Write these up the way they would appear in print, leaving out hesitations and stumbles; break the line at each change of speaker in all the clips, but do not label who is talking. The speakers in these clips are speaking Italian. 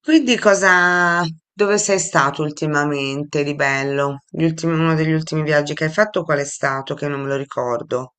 Quindi cosa, dove sei stato ultimamente di bello? Uno degli ultimi viaggi che hai fatto qual è stato? Che non me lo ricordo.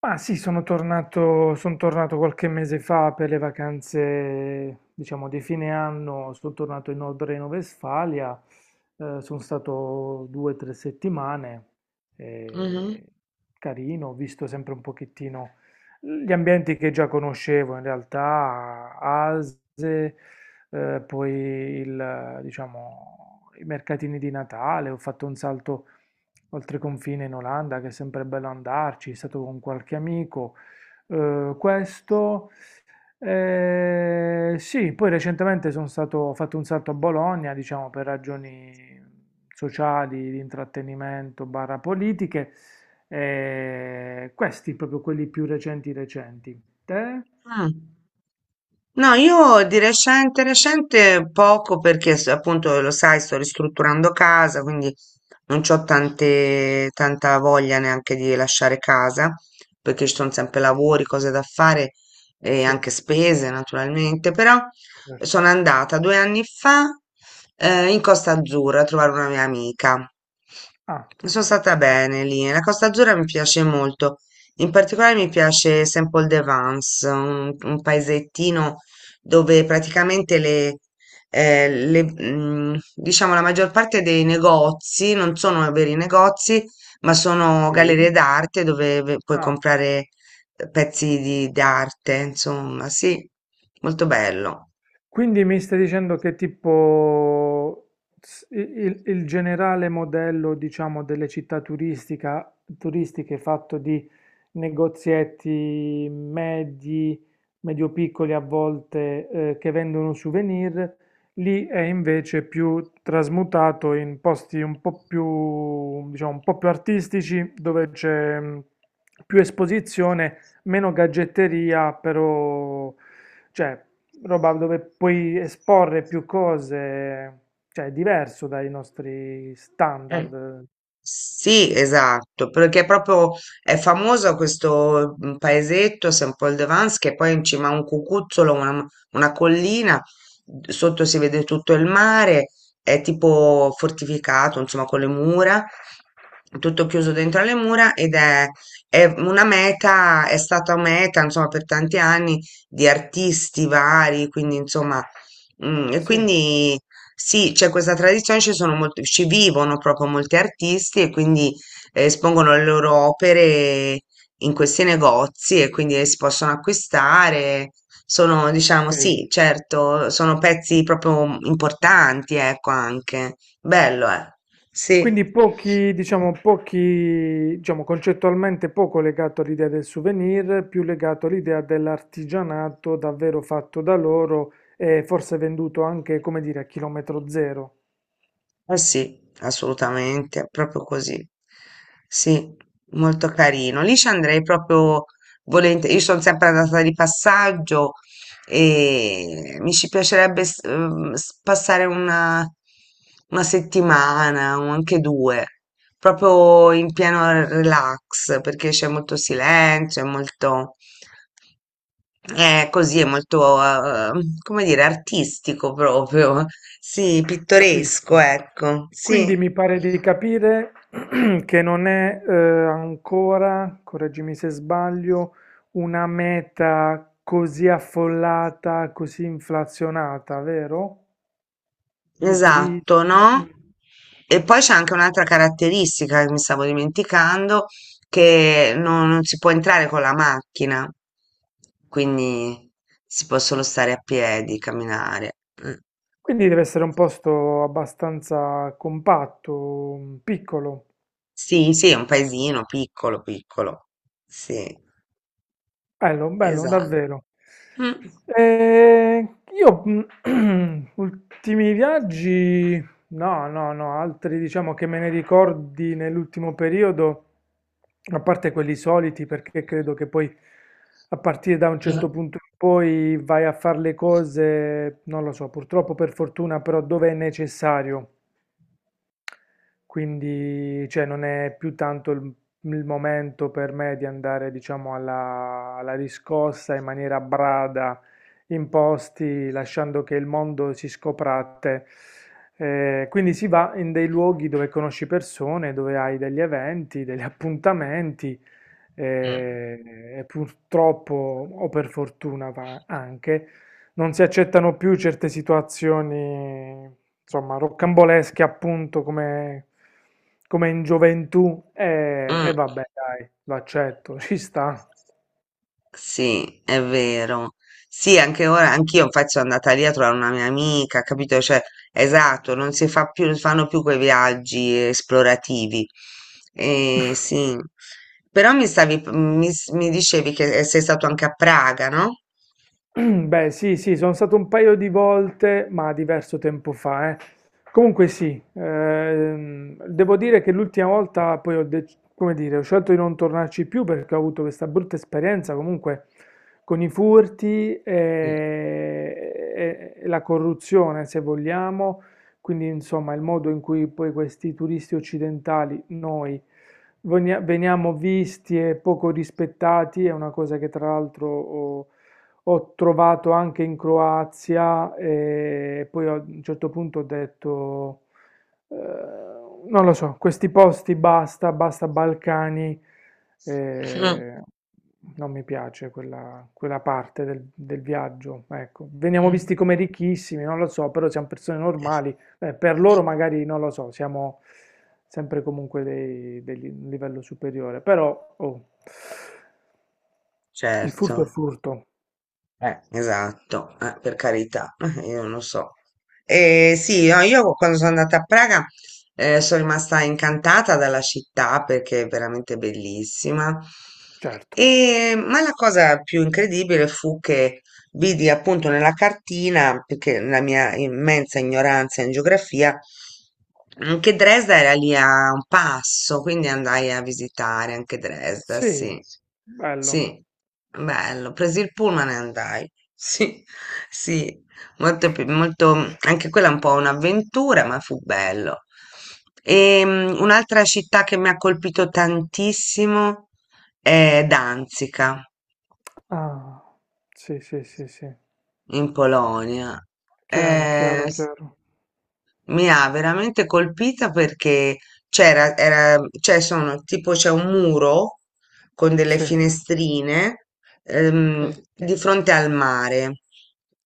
Ma sì, son tornato qualche mese fa per le vacanze, diciamo, di fine anno, sono tornato in Nord Reno-Vestfalia, sono stato due o tre settimane,
Mhm.
eh, carino, ho visto sempre un pochettino gli ambienti che già conoscevo, in realtà, Ase, diciamo, i mercatini di Natale, ho fatto un salto oltre confine in Olanda, che è sempre bello andarci, è stato con qualche amico. Eh, questo, sì, poi recentemente ho fatto un salto a Bologna, diciamo per ragioni sociali, di intrattenimento, barra politiche. Questi proprio quelli più recenti recenti. Te?
Mm. No, io di recente, recente poco perché appunto lo sai, sto ristrutturando casa, quindi non ho tanta voglia neanche di lasciare casa, perché ci sono sempre lavori, cose da fare e
Sì,
anche spese naturalmente, però
certo.
sono andata due anni fa in Costa Azzurra a trovare una mia amica.
Ah,
Sono stata bene lì, la Costa Azzurra mi piace molto, in particolare mi piace Saint-Paul-de-Vence, un paesettino dove praticamente le, diciamo la maggior parte dei negozi non sono veri negozi, ma sono gallerie
sì.
d'arte dove puoi
Ah.
comprare pezzi di d'arte, insomma, sì, molto bello.
Quindi mi stai dicendo che tipo il generale modello, diciamo, delle città turistiche fatto di negozietti medi, medio-piccoli a volte, che vendono souvenir, lì è invece più trasmutato in posti un po' più, diciamo, un po' più artistici, dove c'è più esposizione, meno gadgetteria, però, cioè, roba dove puoi esporre più cose, cioè è diverso dai nostri
Eh,
standard.
Sì, esatto, perché proprio è famoso questo paesetto, Saint Paul de Vence, che poi in cima a un cucuzzolo, una collina, sotto si vede tutto il mare, è tipo fortificato, insomma, con le mura, tutto chiuso dentro alle mura ed è una meta, è stata meta, insomma, per tanti anni di artisti vari, quindi, insomma, e
Sì,
quindi... Sì, c'è questa tradizione, ci sono molti, ci vivono proprio molti artisti e quindi espongono le loro opere in questi negozi e quindi si possono acquistare. Sono,
ok.
diciamo, sì, certo, sono pezzi proprio importanti, ecco, anche. Bello, eh.
Quindi
Sì.
pochi, diciamo, concettualmente poco legato all'idea del souvenir, più legato all'idea dell'artigianato davvero fatto da loro e forse venduto anche, come dire, a chilometro zero.
Eh sì, assolutamente, proprio così. Sì, molto carino. Lì ci andrei proprio volentieri. Io sono sempre andata di passaggio e mi ci piacerebbe passare una settimana o anche due, proprio in pieno relax, perché c'è molto silenzio, è molto... Così è molto, come dire, artistico proprio, sì, pittoresco,
Capisco.
ecco,
Quindi
sì,
mi pare di capire che non è ancora, correggimi se sbaglio, una meta così affollata, così inflazionata, vero? Di
esatto,
turismo.
no?
Mm.
E poi c'è anche un'altra caratteristica che mi stavo dimenticando, che non si può entrare con la macchina, quindi si può solo stare a piedi, camminare. Mm.
Quindi deve essere un posto abbastanza compatto, piccolo.
Sì, sì, è un paesino piccolo, piccolo, sì,
Bello, bello,
esatto.
davvero.
Mm.
Eh, io ultimi viaggi, no, no, no, altri diciamo che me ne ricordi nell'ultimo periodo, a parte quelli soliti, perché credo che poi a partire da un certo punto in poi vai a fare le cose, non lo so, purtroppo per fortuna, però dove è necessario. Quindi, cioè, non è più tanto il, momento per me di andare, diciamo, alla riscossa in maniera brada, in posti, lasciando che il mondo si scopra a te. Quindi si va in dei luoghi dove conosci persone, dove hai degli eventi, degli appuntamenti,
Mm.
eh, e purtroppo, o per fortuna va anche, non si accettano più certe situazioni, insomma, rocambolesche appunto come in gioventù e,
Mm.
e vabbè, dai, l'accetto, ci sta.
Sì, è vero. Sì, anche ora, anch'io infatti sono andata lì a trovare una mia amica, capito? Cioè, esatto, non si fa più, non si fanno più quei viaggi esplorativi. Sì, però mi stavi, mi, s- mi dicevi che sei stato anche a Praga, no?
Beh, sì, sì, sono stato un paio di volte, ma diverso tempo fa, eh. Comunque sì, devo dire che l'ultima volta poi come dire, ho scelto di non tornarci più perché ho avuto questa brutta esperienza comunque con i furti e,
Sì.
e- e la corruzione, se vogliamo, quindi insomma il modo in cui poi questi turisti occidentali, noi, veniamo visti e poco rispettati è una cosa che tra l'altro, oh, ho trovato anche in Croazia e poi a un certo punto ho detto, eh, non lo so, questi posti basta, basta Balcani, eh, non mi piace quella, parte del viaggio. Ecco, veniamo visti
Mm.
come ricchissimi, non lo so, però siamo persone normali, per
Eh,
loro magari non lo so, siamo sempre comunque un livello superiore, però oh, il furto è
certo.
furto,
Esatto, per carità, io non lo so. Sì, no, io quando sono andata a Praga sono rimasta incantata dalla città perché è veramente bellissima.
certo.
Ma la cosa più incredibile fu che vidi appunto nella cartina, perché la mia immensa ignoranza in geografia, che Dresda era lì a un passo, quindi andai a visitare anche Dresda,
Sì,
sì.
bello.
Sì, bello. Presi il pullman e andai. Sì, sì, molto, molto, anche quella è un po' un'avventura, ma fu bello. E, un'altra città che mi ha colpito tantissimo è Danzica.
Ah, sì, sì, sì, sì.
In Polonia.
Chiaro,
Eh,
chiaro, chiaro.
Mi ha veramente colpita perché cioè sono tipo c'è un muro con delle
Sì,
finestrine
okay,
di fronte al mare,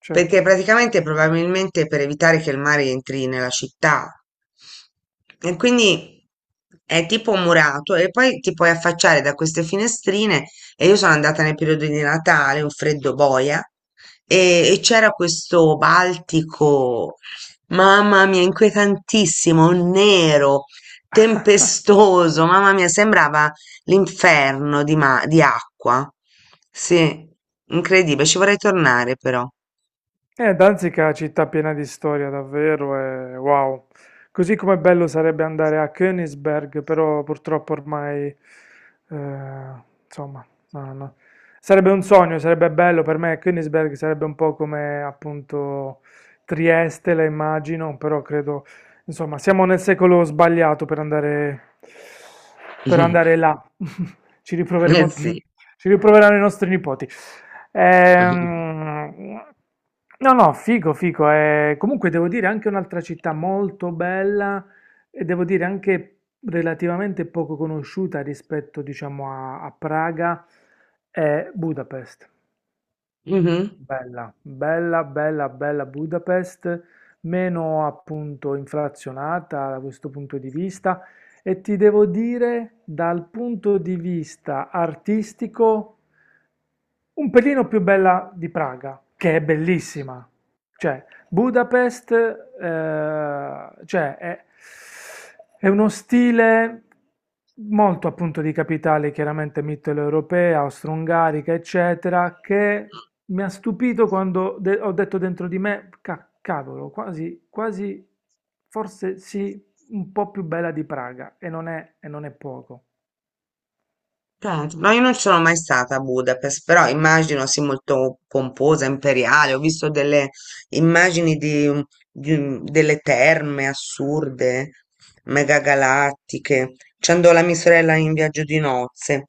sì.
perché praticamente probabilmente per evitare che il mare entri nella città. E quindi è tipo murato e poi ti puoi affacciare da queste finestrine e io sono andata nel periodo di Natale, un freddo boia, e c'era questo Baltico. Mamma mia, inquietantissimo, nero, tempestoso, mamma mia, sembrava l'inferno di, di acqua. Sì, incredibile, ci vorrei tornare però.
Danzica è una città piena di storia, davvero, e wow. Così come bello sarebbe andare a Königsberg, però purtroppo ormai, insomma, no, no. Sarebbe un sogno, sarebbe bello per me. Königsberg sarebbe un po' come appunto Trieste, la immagino, però credo, insomma, siamo nel secolo sbagliato per andare, per andare là. Ci
Eh
riproveremo,
sì.
ci riproveranno i nostri nipoti. Ehm, no, no, figo, figo. Comunque devo dire anche un'altra città molto bella e devo dire anche relativamente poco conosciuta rispetto, diciamo, a Praga è Budapest.
Mhm.
Bella, bella, bella, bella Budapest, meno appunto inflazionata da questo punto di vista. E ti devo dire, dal punto di vista artistico, un pelino più bella di Praga, che è bellissima. Cioè, Budapest, cioè, è, uno stile molto appunto di capitale, chiaramente mitteleuropea, austro-ungarica, eccetera, che mi ha stupito quando ho detto dentro di me, cavolo, quasi, quasi, forse sì, un po' più bella di Praga, e non è, poco."
Certo, no, io non ci sono mai stata a Budapest, però immagino sia molto pomposa, imperiale. Ho visto delle immagini delle terme assurde, megagalattiche. Ci andò la mia sorella in viaggio di nozze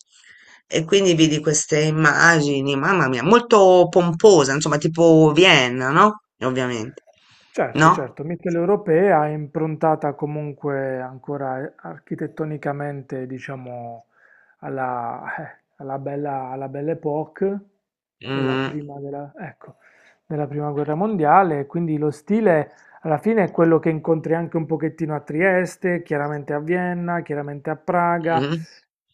e quindi vidi queste immagini, mamma mia, molto pomposa, insomma, tipo Vienna, no? Ovviamente,
Certo,
no?
certo, mitteleuropea, improntata comunque ancora architettonicamente, diciamo, alla bella, alla Belle Époque, quella
Mm,
prima ecco, della prima guerra mondiale, quindi lo stile alla fine è quello che incontri anche un pochettino a Trieste, chiaramente a Vienna, chiaramente a Praga,
mm,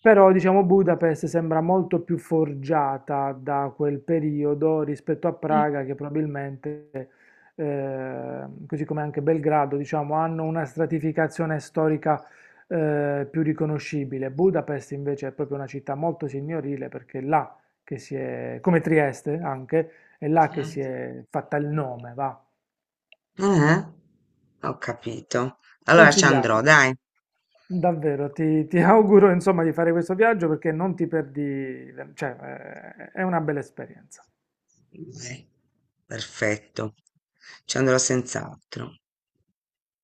però diciamo Budapest sembra molto più forgiata da quel periodo rispetto a Praga che probabilmente così come anche Belgrado, diciamo, hanno una stratificazione storica più riconoscibile. Budapest invece è proprio una città molto signorile perché è là che si è, come Trieste anche, è là che
mm.
si è fatta il nome, va.
Eh? Ho capito. Allora ci andrò,
Consigliato.
dai.
Davvero, ti, auguro insomma di fare questo viaggio perché non ti perdi, cioè è una bella esperienza.
Dai, perfetto. Ci andrò senz'altro.